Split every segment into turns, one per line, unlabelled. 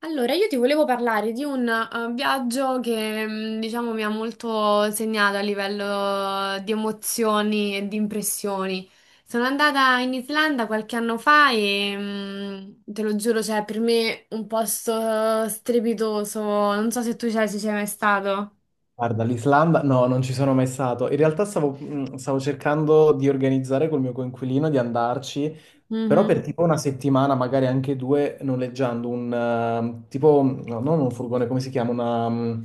Allora, io ti volevo parlare di un viaggio che, diciamo, mi ha molto segnato a livello di emozioni e di impressioni. Sono andata in Islanda qualche anno fa e, te lo giuro, cioè, per me un posto strepitoso. Non so se tu ci sei mai stato.
Guarda, l'Islanda, no, non ci sono mai stato. In realtà stavo, stavo cercando di organizzare col mio coinquilino di andarci, però per
Mhm.
tipo una settimana, magari anche due, noleggiando un tipo, no, non un furgone, come si chiama? Una,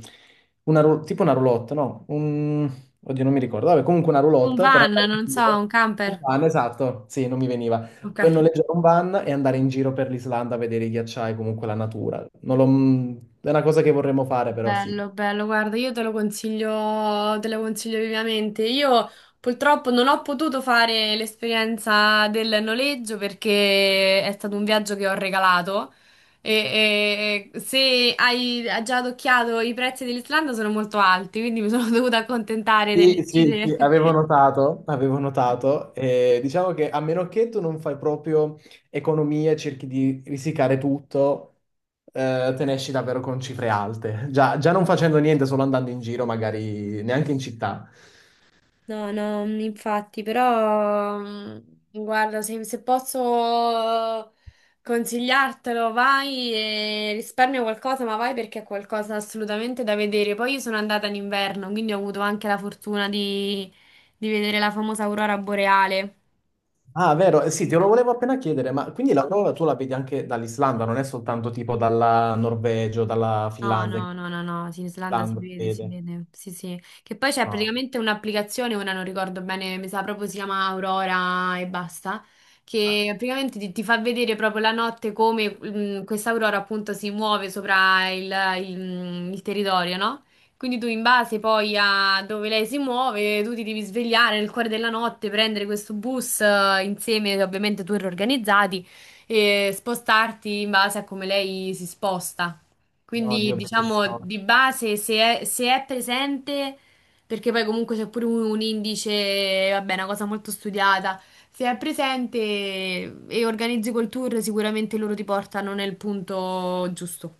tipo una roulotte, no? Un, oddio, non mi ricordo. Vabbè, comunque una
Un
roulotte per
van,
andare
non
in
so,
giro.
un camper.
Un van, esatto, sì, non mi veniva.
Ok.
Per noleggiare un van e andare in giro per l'Islanda a vedere i ghiacciai, comunque la natura. Non l'ho- È una cosa che vorremmo fare, però sì.
Bello, bello, guarda, io te lo consiglio vivamente. Io purtroppo non ho potuto fare l'esperienza del noleggio perché è stato un viaggio che ho regalato se hai già adocchiato i prezzi dell'Islanda sono molto alti, quindi mi sono dovuta accontentare
Sì,
delle
sì,
gite.
sì, avevo notato, avevo notato. Diciamo che a meno che tu non fai proprio economia, e cerchi di risicare tutto, te ne esci davvero con cifre alte. Già, già non facendo niente, solo andando in giro, magari neanche in città.
No, no, infatti, però guarda, se posso consigliartelo, vai e risparmia qualcosa, ma vai perché è qualcosa assolutamente da vedere. Poi io sono andata in inverno, quindi ho avuto anche la fortuna di vedere la famosa aurora boreale.
Ah, vero, sì, te lo volevo appena chiedere, ma quindi la prova tu la vedi anche dall'Islanda, non è soltanto tipo dalla Norvegia o dalla
No,
Finlandia, che
no, no, no, no, sì, in Islanda
l'Islanda
si
vede.
vede, sì, sì. Che poi c'è
No.
praticamente un'applicazione, ora non ricordo bene, mi sa proprio si chiama Aurora e basta, che praticamente ti fa vedere proprio la notte come questa aurora appunto si muove sopra il territorio, no? Quindi tu in base poi a dove lei si muove, tu ti devi svegliare nel cuore della notte, prendere questo bus insieme, ovviamente tour organizzati, e spostarti in base a come lei si sposta.
Oddio,
Quindi diciamo
bellissimo.
di base se è presente, perché poi comunque c'è pure un indice, vabbè, una cosa molto studiata, se è presente e organizzi col tour sicuramente loro ti portano nel punto giusto.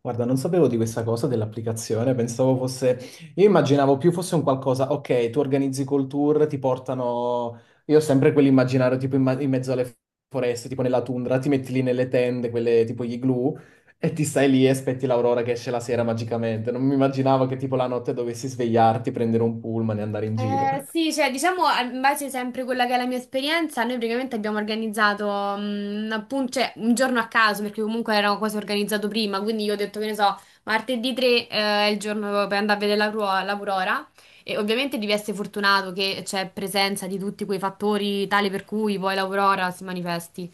Guarda, non sapevo di questa cosa dell'applicazione, pensavo fosse... Io immaginavo più fosse un qualcosa, ok, tu organizzi col tour, ti portano... Io ho sempre quell'immaginario tipo in mezzo alle foreste, tipo nella tundra, ti metti lì nelle tende, quelle tipo gli igloo, e ti stai lì e aspetti l'aurora che esce la sera magicamente. Non mi immaginavo che tipo la notte dovessi svegliarti, prendere un pullman e andare in giro.
Sì, cioè diciamo in base sempre a quella che è la mia esperienza, noi praticamente abbiamo organizzato cioè, un giorno a caso perché comunque era quasi organizzato prima, quindi io ho detto che ne so, martedì 3 è il giorno per andare a vedere l'aurora. E ovviamente devi essere fortunato che c'è presenza di tutti quei fattori tale per cui poi l'aurora si manifesti.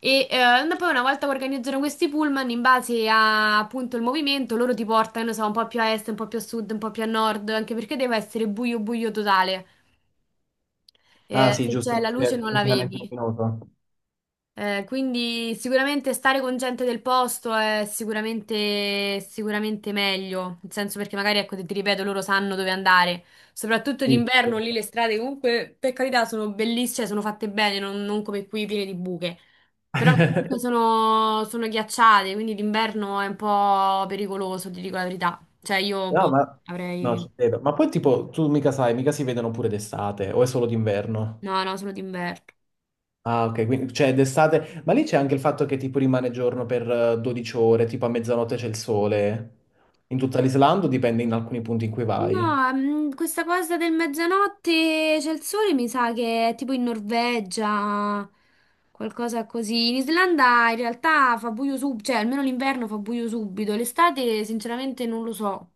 E poi una volta che organizzano questi pullman, in base a appunto il movimento, loro ti portano, non so, un po' più a est, un po' più a sud, un po' più a nord, anche perché deve essere buio buio totale.
Ah sì,
Se c'è
giusto,
la luce
è
non la
inquinamento
vedi.
luminoso.
Quindi sicuramente stare con gente del posto è sicuramente, sicuramente meglio, nel senso perché magari, ecco, ti ripeto, loro sanno dove andare, soprattutto
Sì,
d'inverno lì
certo.
le strade comunque, per carità, sono bellissime, cioè, sono fatte bene, non come qui piene di buche, però comunque sono ghiacciate, quindi d'inverno è un po' pericoloso, ti dico la verità, cioè io,
No,
boh,
ma... No, ci
avrei.
credo. Ma poi tipo, tu mica sai, mica si vedono pure d'estate o è solo d'inverno?
No, no, solo d'inverno.
Ah, ok, quindi cioè d'estate, ma lì c'è anche il fatto che tipo rimane giorno per 12 ore, tipo a mezzanotte c'è il sole. In tutta l'Islanda o dipende in alcuni punti in cui vai?
No, questa cosa del mezzanotte c'è il sole, mi sa che è tipo in Norvegia, qualcosa così. In Islanda in realtà fa buio subito, cioè almeno l'inverno fa buio subito, l'estate sinceramente non lo so.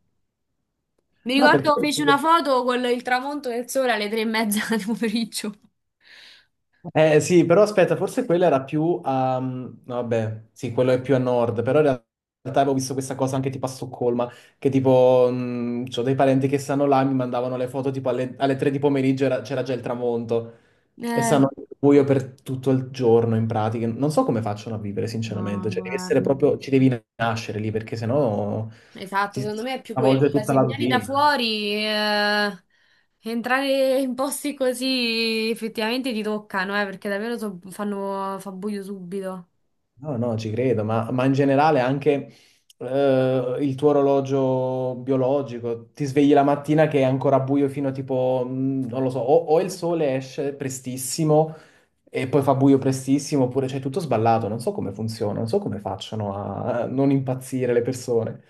Mi
No, perché
ricordo feci una foto con il tramonto del sole alle tre e mezza del pomeriggio.
eh sì, però aspetta, forse quella era più a... mm, no, vabbè, sì, quello è più a nord, però in realtà avevo visto questa cosa anche tipo a Stoccolma, che tipo, c'ho dei parenti che stanno là, mi mandavano le foto tipo alle 3 di pomeriggio, c'era già il tramonto, e
Eh,
stanno al buio per tutto il giorno in pratica. Non so come facciano a vivere,
No,
sinceramente, cioè devi essere
guarda,
proprio, ci devi nascere lì, perché sennò
esatto,
ti
secondo me è più quello,
stravolge
cioè
tutta
se
la
vieni da
routine.
fuori, entrare in posti così effettivamente ti toccano, perché davvero fa buio subito.
No, no, ci credo, ma in generale anche il tuo orologio biologico, ti svegli la mattina che è ancora buio fino a tipo, non lo so, o il sole esce prestissimo e poi fa buio prestissimo, oppure c'è tutto sballato, non so come funziona, non so come facciano a non impazzire le persone.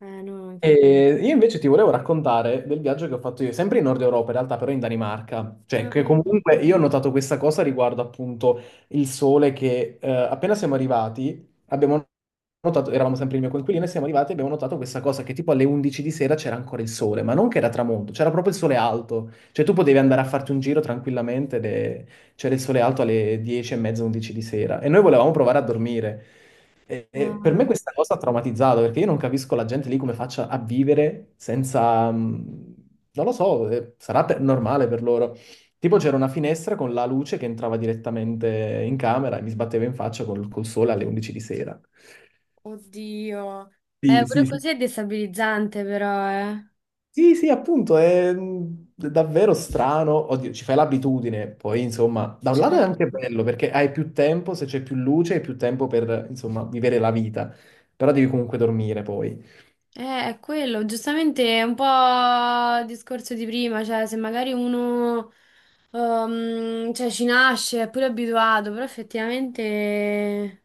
No, infatti.
E io invece ti volevo raccontare del viaggio che ho fatto io, sempre in Nord Europa, in realtà però in Danimarca, cioè
Ah,
che
vedi?
comunque io ho notato questa cosa riguardo appunto il sole che appena siamo arrivati abbiamo notato, eravamo sempre il mio coinquilino e siamo arrivati e abbiamo notato questa cosa che tipo alle 11 di sera c'era ancora il sole, ma non che era tramonto, c'era proprio il sole alto, cioè tu potevi andare a farti un giro tranquillamente, c'era il sole alto alle 10 e mezza, 11 di sera e noi volevamo provare a dormire. E per me
Ah.
questa cosa ha traumatizzato perché io non capisco la gente lì come faccia a vivere senza, mm, non lo so, normale per loro. Tipo c'era una finestra con la luce che entrava direttamente in camera e mi sbatteva in faccia col sole alle 11 di sera.
Oddio.
Sì,
Pure
sì, sì,
così è destabilizzante, però, eh.
sì, sì, appunto, è mm, davvero strano. Oddio, ci fai l'abitudine, poi insomma, da un lato è
Certo.
anche bello perché hai più tempo, se c'è più luce, hai più tempo per, insomma, vivere la vita, però devi comunque dormire poi.
È quello, giustamente è un po' il discorso di prima, cioè se magari uno cioè, ci nasce, è pure abituato, però effettivamente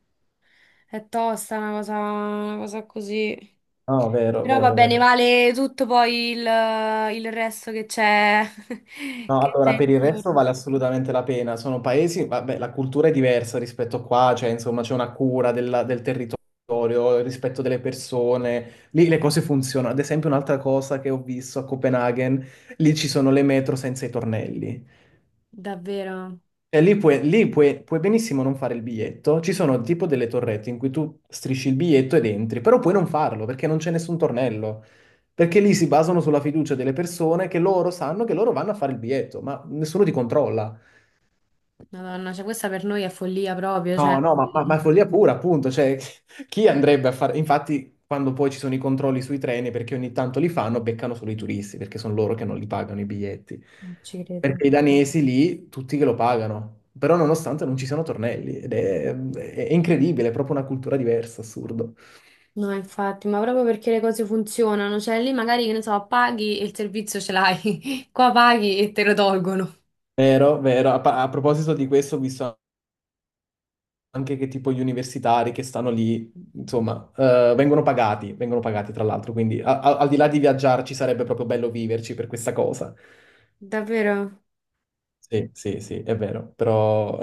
è tosta una cosa così.
No, vero,
Però va
vero,
bene,
vero.
vale tutto poi il resto che c'è
No,
che c'è
allora, per il
intorno.
resto vale assolutamente la pena. Sono paesi, vabbè, la cultura è diversa rispetto a qua, cioè, insomma, c'è una cura del territorio, il rispetto delle persone. Lì le cose funzionano. Ad esempio, un'altra cosa che ho visto a Copenaghen, lì ci sono le metro senza i tornelli.
Davvero.
E lì, puoi, puoi benissimo non fare il biglietto. Ci sono tipo delle torrette in cui tu strisci il biglietto ed entri, però puoi non farlo perché non c'è nessun tornello. Perché lì si basano sulla fiducia delle persone che loro sanno che loro vanno a fare il biglietto, ma nessuno ti controlla.
Madonna, cioè questa per noi è follia proprio, cioè
No, no, ma è follia pura, appunto, cioè, chi andrebbe a fare... Infatti, quando poi ci sono i controlli sui treni, perché ogni tanto li fanno, beccano solo i turisti, perché sono loro che non li pagano i biglietti.
non ci credo.
Perché i danesi lì, tutti che lo pagano, però nonostante non ci siano tornelli, è incredibile, è proprio una cultura diversa, assurdo.
No, infatti, ma proprio perché le cose funzionano, cioè lì magari, che ne so, paghi e il servizio ce l'hai, qua paghi e te lo tolgono.
Vero, vero. A proposito di questo, ho visto anche che tipo gli universitari che stanno lì, insomma, vengono pagati tra l'altro, quindi al di là di viaggiarci sarebbe proprio bello viverci per questa cosa.
Davvero?
Sì, sì, sì, è vero, però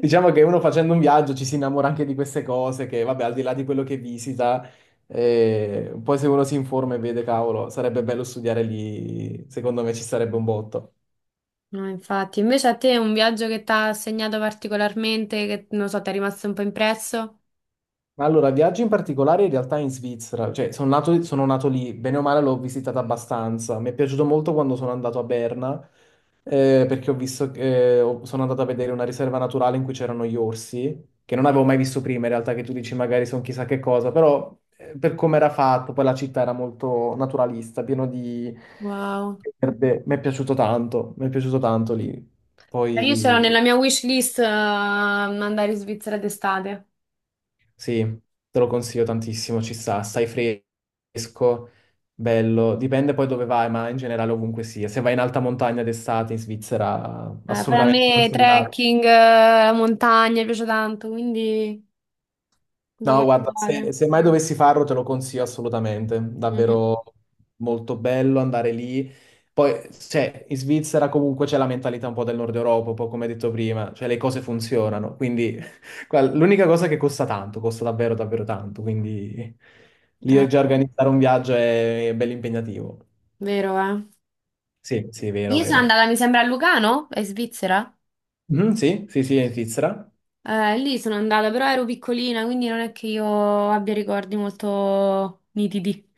diciamo che uno facendo un viaggio ci si innamora anche di queste cose che, vabbè, al di là di quello che visita, poi se uno si informa e vede, cavolo, sarebbe bello studiare lì, secondo me ci sarebbe un botto.
No, infatti, invece a te un viaggio che ti ha segnato particolarmente, che non so, ti è rimasto un po' impresso?
Ma allora, viaggio in particolare in realtà in Svizzera, cioè sono nato lì, bene o male l'ho visitata abbastanza, mi è piaciuto molto quando sono andato a Berna, perché ho visto che sono andato a vedere una riserva naturale in cui c'erano gli orsi, che non avevo mai visto prima in realtà, che tu dici magari sono chissà che cosa, però per come era fatto, poi la città era molto naturalista, pieno di
Wow.
verde, mi è piaciuto tanto, mi è piaciuto tanto lì.
Io c'ero
Poi...
nella mia wish list andare in Svizzera d'estate.
Sì, te lo consiglio tantissimo, ci sta, stai fresco, bello, dipende poi dove vai, ma in generale ovunque sia. Se vai in alta montagna d'estate in Svizzera,
Poi a
assolutamente
me
consigliato.
trekking, la montagna, mi piace tanto, quindi da
No, guarda,
valutare.
se mai dovessi farlo te lo consiglio assolutamente,
Mm.
davvero molto bello andare lì. Poi, cioè, in Svizzera comunque c'è la mentalità un po' del Nord Europa, un po' come detto prima, cioè le cose funzionano, quindi guarda, l'unica cosa è che costa tanto, costa davvero davvero tanto, quindi
Eh,
lì già organizzare un viaggio è bello impegnativo.
vero, eh.
Sì, sì, vero,
Io sono
vero.
andata, mi sembra, a Lugano, in Svizzera.
Mhm, sì, sì, sì, è in Svizzera.
Lì sono andata, però ero piccolina, quindi non è che io abbia ricordi molto nitidi.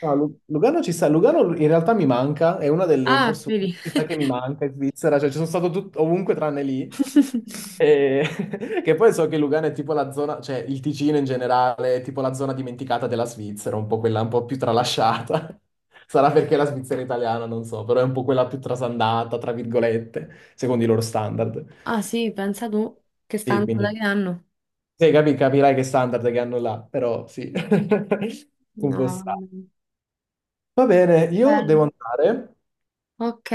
No, Lugano ci sta, Lugano in realtà mi manca, è una delle
Ah,
forse una
vedi.
città che mi manca in Svizzera, cioè ci sono stato tut- ovunque tranne lì, E- che poi so che Lugano è tipo la zona, cioè il Ticino in generale è tipo la zona dimenticata della Svizzera, un po' quella un po' più tralasciata, sarà perché la Svizzera è italiana, non so, però è un po' quella più trasandata, tra virgolette, secondo i loro standard.
Ah sì, pensa tu, che sta
Sì,
andando da
quindi
che anno?
sì, capirai che standard che hanno là, però sì, un
No,
po'
vabbè.
strano. Va bene, io devo
Bello.
andare.
Ok,